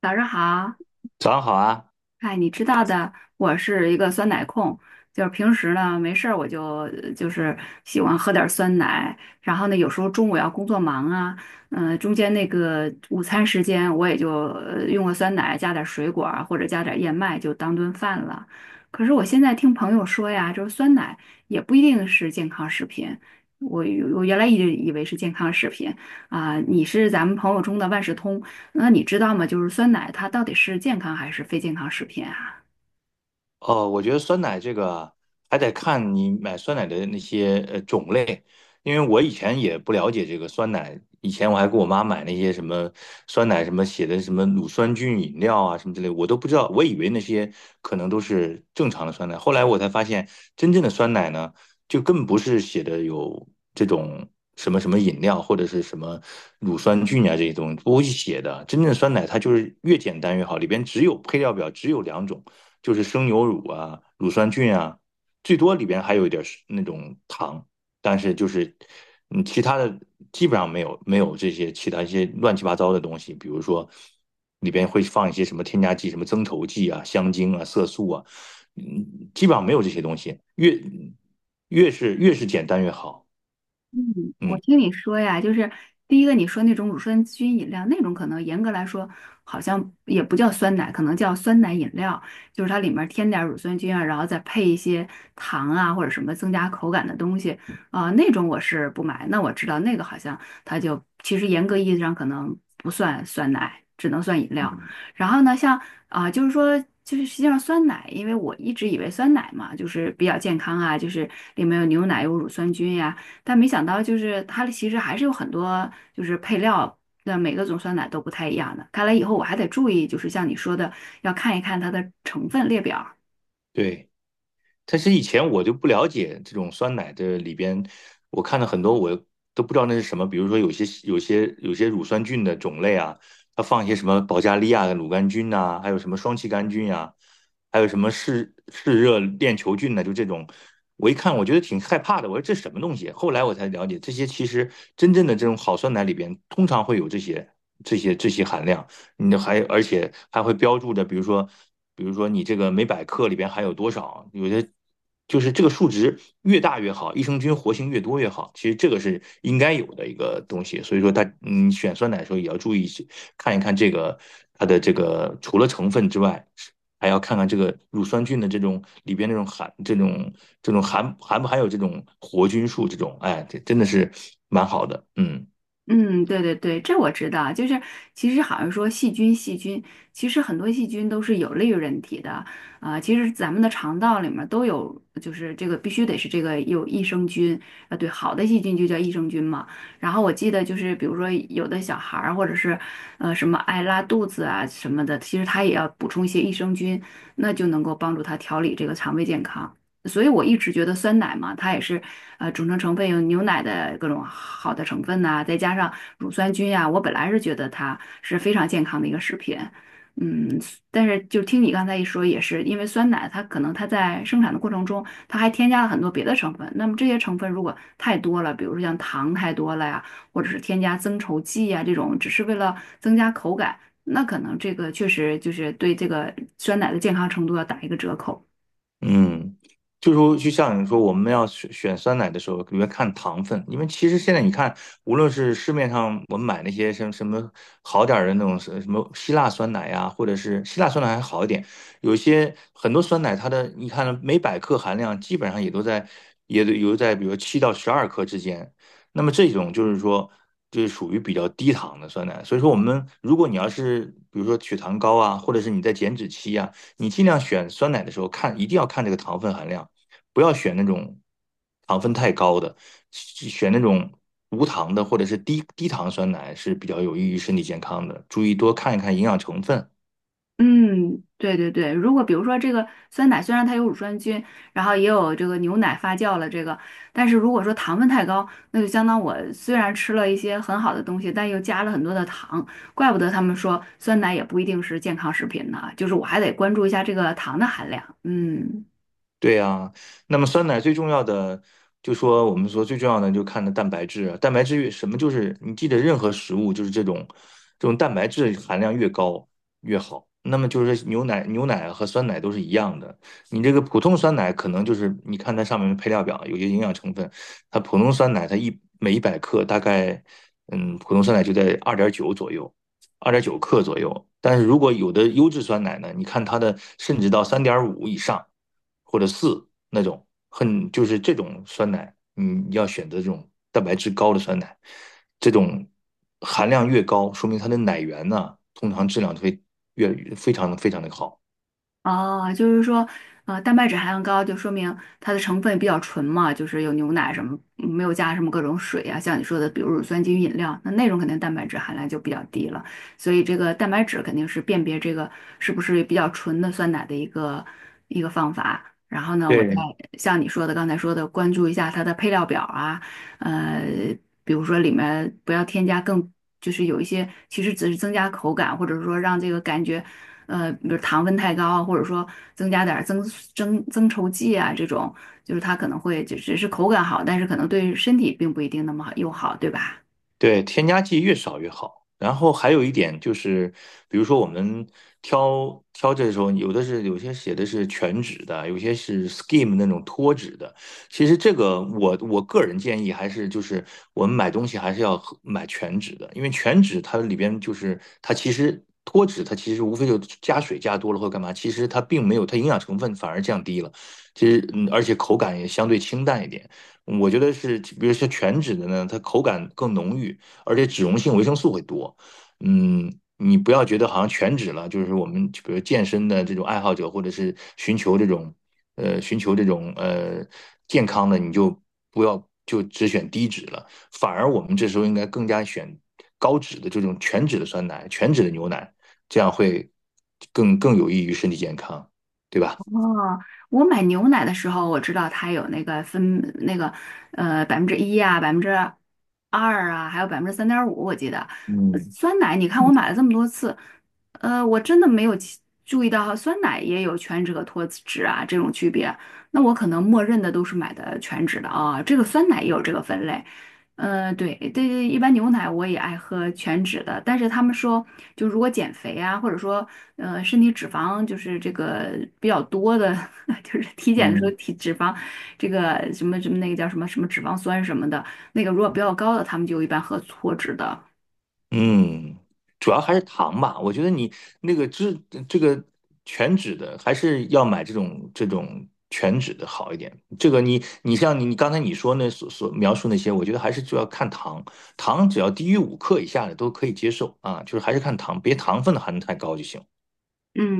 早上好。早上好啊。哎，你知道的，我是一个酸奶控。就是平时呢没事儿我就喜欢喝点儿酸奶。然后呢有时候中午要工作忙啊，嗯、中间那个午餐时间我也就用个酸奶加点儿水果啊或者加点儿燕麦就当顿饭了。可是我现在听朋友说呀，就是酸奶也不一定是健康食品，我我原来一直以为是健康食品啊、你是咱们朋友中的万事通。那你知道吗？就是酸奶它到底是健康还是非健康食品啊？哦，我觉得酸奶这个还得看你买酸奶的那些种类，因为我以前也不了解这个酸奶，以前我还给我妈买那些什么酸奶什么写的什么乳酸菌饮料啊什么之类，我都不知道，我以为那些可能都是正常的酸奶，后来我才发现真正的酸奶呢，就更不是写的有这种什么什么饮料或者是什么乳酸菌啊这些东西不会去写的，真正的酸奶它就是越简单越好，里边只有配料表只有两种。就是生牛乳啊、乳酸菌啊，最多里边还有一点儿是那种糖，但是就是其他的基本上没有这些其他一些乱七八糟的东西，比如说里边会放一些什么添加剂、什么增稠剂啊、香精啊、色素啊。基本上没有这些东西，越是简单越好。嗯，我嗯，听你说呀，就是第一个你说那种乳酸菌饮料，那种可能严格来说好像也不叫酸奶，可能叫酸奶饮料，就是它里面添点儿乳酸菌啊，然后再配一些糖啊或者什么增加口感的东西啊、那种我是不买。那我知道那个好像它就其实严格意义上可能不算酸奶，只能算饮料。然后呢，像啊、就是说。就是实际上酸奶，因为我一直以为酸奶嘛，就是比较健康啊，就是里面有牛奶有乳酸菌呀、但没想到就是它其实还是有很多就是配料。的每个种酸奶都不太一样的，看来以后我还得注意，就是像你说的，要看一看它的成分列表。对。但是以前我就不了解这种酸奶的里边，我看了很多我都不知道那是什么，比如说有些乳酸菌的种类啊，它放一些什么保加利亚的乳杆菌呐、还有什么双歧杆菌呀、还有什么嗜热链球菌呢、就这种。我一看，我觉得挺害怕的。我说这什么东西？后来我才了解，这些其实真正的这种好酸奶里边，通常会有这些含量。而且还会标注着，比如说你这个每百克里边含有多少，有些就是这个数值越大越好，益生菌活性越多越好。其实这个是应该有的一个东西，所以说它选酸奶的时候也要注意看一看这个它的这个除了成分之外。还要看看这个乳酸菌的这种里边那种含这种这种含含不含有这种活菌素这种，哎，这真的是蛮好的。嗯。嗯，对对对，这我知道。就是其实好像说细菌，细菌其实很多细菌都是有利于人体的啊、其实咱们的肠道里面都有，就是这个必须得是这个有益生菌啊、对，好的细菌就叫益生菌嘛。然后我记得就是比如说有的小孩儿或者是什么爱拉肚子啊什么的，其实他也要补充一些益生菌，那就能够帮助他调理这个肠胃健康。所以我一直觉得酸奶嘛，它也是呃组成成分有牛奶的各种好的成分呐、再加上乳酸菌呀、我本来是觉得它是非常健康的一个食品。嗯，但是就听你刚才一说，也是因为酸奶它可能它在生产的过程中，它还添加了很多别的成分，那么这些成分如果太多了，比如说像糖太多了呀，或者是添加增稠剂呀这种，只是为了增加口感，那可能这个确实就是对这个酸奶的健康程度要打一个折扣。嗯，就是说，就像你说，我们要选酸奶的时候，里面看糖分。因为其实现在你看，无论是市面上我们买那些什么什么好点儿的那种什么希腊酸奶呀、或者是希腊酸奶还好一点，有些很多酸奶它的你看每百克含量基本上也都有在比如7到12克之间，那么这种就是说，就是属于比较低糖的酸奶。所以说，我们如果你要是比如说血糖高啊，或者是你在减脂期呀、你尽量选酸奶的时候看，一定要看这个糖分含量，不要选那种糖分太高的，选那种无糖的或者是低糖酸奶是比较有益于身体健康的。注意多看一看营养成分，嗯，对对对，如果比如说这个酸奶虽然它有乳酸菌，然后也有这个牛奶发酵了这个，但是如果说糖分太高，那就相当我虽然吃了一些很好的东西，但又加了很多的糖，怪不得他们说酸奶也不一定是健康食品呢，就是我还得关注一下这个糖的含量。嗯。对呀，那么酸奶最重要的，就说我们说最重要的，就看的蛋白质啊蛋白质越什么，就是你记得任何食物，就是这种蛋白质含量越高越好。那么就是牛奶和酸奶都是一样的。你这个普通酸奶可能就是你看它上面的配料表有些营养成分，它普通酸奶它每100克大概，普通酸奶就在二点九左右。2.9克左右。但是如果有的优质酸奶呢，你看它的甚至到3.5以上或者四那种，就是这种酸奶，你要选择这种蛋白质高的酸奶，这种含量越高，说明它的奶源呢，通常质量会非常非常的好。哦，就是说，呃，蛋白质含量高，就说明它的成分比较纯嘛，就是有牛奶什么，嗯没有加什么各种水啊，像你说的，比如乳酸菌饮料，那种肯定蛋白质含量就比较低了。所以这个蛋白质肯定是辨别这个是不是比较纯的酸奶的一个方法。然后呢，我再对，像你说的刚才说的，关注一下它的配料表啊。呃，比如说里面不要添加更，就是有一些其实只是增加口感，或者说让这个感觉。呃，比如糖分太高啊，或者说增加点儿增稠剂啊，这种就是它可能会就只是口感好，但是可能对身体并不一定那么好友好，对吧？对，添加剂越少越好。然后还有一点就是，比如说我们挑这时候，有些写的是全脂的，有些是 skim 那种脱脂的。其实这个我个人建议还是就是我们买东西还是要买全脂的。因为全脂它里边就是它其实脱脂它其实无非就加水加多了或干嘛，其实它并没有它营养成分反而降低了，其实而且口感也相对清淡一点。我觉得是，比如说全脂的呢，它口感更浓郁，而且脂溶性维生素会多。嗯，你不要觉得好像全脂了，就是我们比如健身的这种爱好者，或者是寻求这种健康的，你就不要就只选低脂了，反而我们这时候应该更加选高脂的这种全脂的酸奶、全脂的牛奶，这样会更有益于身体健康，对吧？哦，我买牛奶的时候，我知道它有那个分那个呃百分之一啊，百分之二啊，还有百分之三点五，我记得。呃嗯酸奶，你看我买了这么多次，呃，我真的没有其注意到酸奶也有全脂和脱脂啊这种区别。那我可能默认的都是买的全脂的啊，这个酸奶也有这个分类。呃，对，对，一般牛奶我也爱喝全脂的，但是他们说，就如果减肥啊，或者说，呃，身体脂肪就是这个比较多的，就是体检的时候嗯。体脂肪，这个什么什么那个叫什么什么脂肪酸什么的。那个如果比较高的，他们就一般喝脱脂的。嗯，主要还是糖吧。我觉得你那个脂这个全脂的，还是要买这种全脂的好一点。这个你像你刚才你说那描述那些，我觉得还是就要看糖。糖只要低于五克以下的都可以接受啊，就是还是看糖，别糖分的含得太高就行。嗯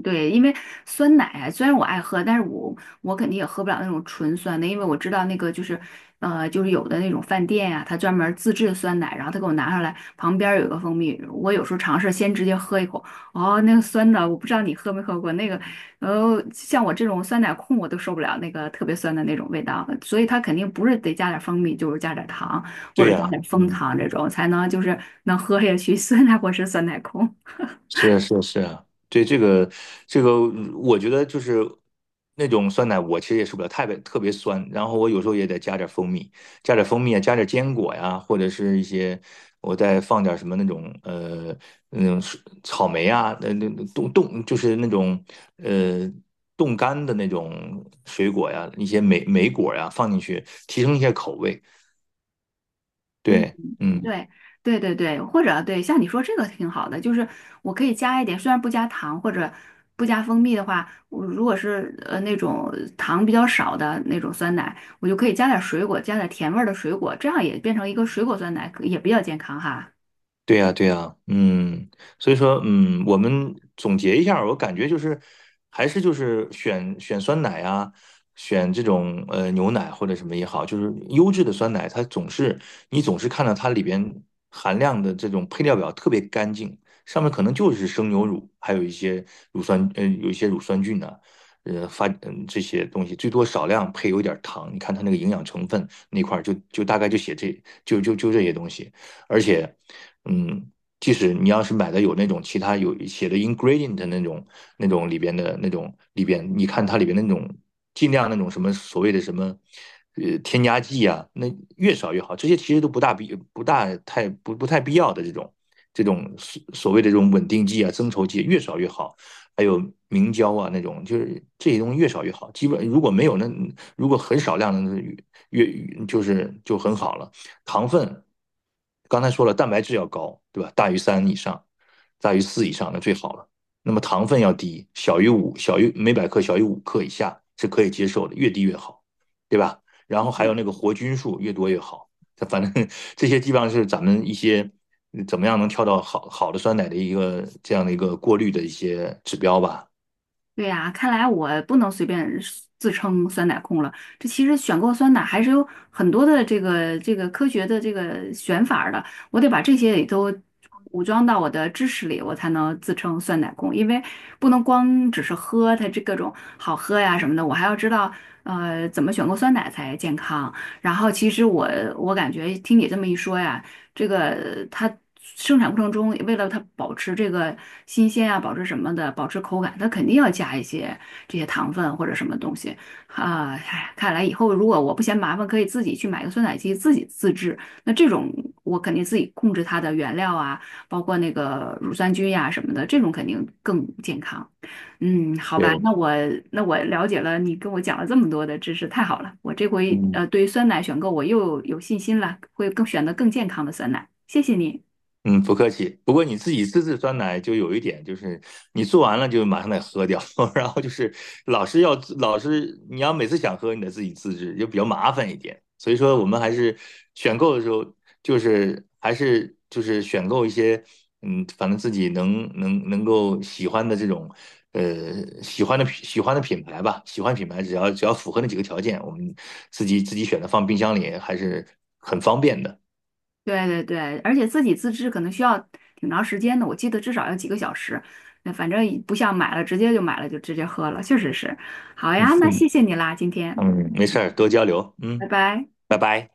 嗯，对，因为酸奶啊虽然我爱喝，但是我肯定也喝不了那种纯酸的，因为我知道那个就是，呃，就是有的那种饭店呀、他专门儿自制的酸奶，然后他给我拿上来，旁边儿有一个蜂蜜，我有时候尝试先直接喝一口，哦，那个酸的，我不知道你喝没喝过那个。呃，像我这种酸奶控我都受不了那个特别酸的那种味道，所以他肯定不是得加点儿蜂蜜，就是加点儿糖或对者加呀，点儿枫嗯糖这种才能就是能喝下去 酸奶我是酸奶控。是啊是啊是啊，对这个，我觉得就是那种酸奶，我其实也受不了，太别特别酸。然后我有时候也得加点蜂蜜，啊，加点坚果呀，或者是一些我再放点什么那种草莓啊，那那那冻冻就是那种呃冻干的那种水果呀，一些莓果呀放进去，提升一下口味。嗯。对。嗯。对对对对，或者对，像你说这个挺好的，就是我可以加一点，虽然不加糖或者不加蜂蜜的话，我如果是那种糖比较少的那种酸奶，我就可以加点水果，加点甜味儿的水果，这样也变成一个水果酸奶，可也比较健康哈。对呀，对呀。嗯，所以说，我们总结一下儿我感觉就是，还是就是选酸奶啊，选这种牛奶或者什么也好，就是优质的酸奶，它总是你总是看到它里边含量的这种配料表特别干净，上面可能就是生牛乳，还有一些乳酸菌啊，这些东西，最多少量配有一点儿糖，你看它那个营养成分那块儿大概就写这就就就这些东西。而且，嗯，即使你要是买的有那种其他有写的 ingredient 的那种里边，你看它里边那种尽量那种什么所谓的什么。添加剂啊，那越少越好。这些其实都不大必不大太不不太必要的这种所谓的这种稳定剂啊、增稠剂越少越好。还有明胶啊那种，就是这些东西越少越好。基本如果没有那如果很少量的越越就是就很好了。糖分，刚才说了，蛋白质要高，对吧？大于三以上，大于四以上那最好了。那么糖分要低，小于每百克小于五克以下是可以接受的，越低越好，对吧？然后还有那个活菌数越多越好。反正 这些基本上是咱们一些怎么样能挑到好好的酸奶的一个这样的一个过滤的一些指标吧。对呀，看来我不能随便自称酸奶控了。这其实选购酸奶还是有很多的这个科学的这个选法儿的，我得把这些也都武装到我的知识里，我才能自称酸奶控。因为不能光只是喝它这各种好喝呀什么的，我还要知道呃怎么选购酸奶才健康。然后其实我感觉听你这么一说呀。这个它生产过程中，为了它保持这个新鲜啊，保持什么的，保持口感，它肯定要加一些这些糖分或者什么东西啊。唉看来以后如果我不嫌麻烦，可以自己去买个酸奶机自己自制。那这种我肯定自己控制它的原料啊，包括那个乳酸菌呀、什么的，这种肯定更健康。嗯，好吧，对。那我了解了，你跟我讲了这么多的知识，太好了。我这回嗯。呃，对于酸奶选购我又有信心了，会更选择更健康的酸奶。谢谢你。嗯，不客气。不过你自己自制酸奶就有一点，就是你做完了就马上得喝掉。然后就是老是你要每次想喝，你得自己自制，就比较麻烦一点。所以说我们还是选购的时候，就是还是就是选购一些反正自己能够喜欢的这种喜欢的品牌吧，喜欢品牌只要符合那几个条件，我们自己选择放冰箱里还是很方便的。对对对，而且自己自制可能需要挺长时间的，我记得至少要几个小时。那反正也不像买了直接就买了就直接喝了，确实是。好 呀，那嗯。谢谢你啦，今天，没事儿，多交流。嗯，拜拜。拜拜。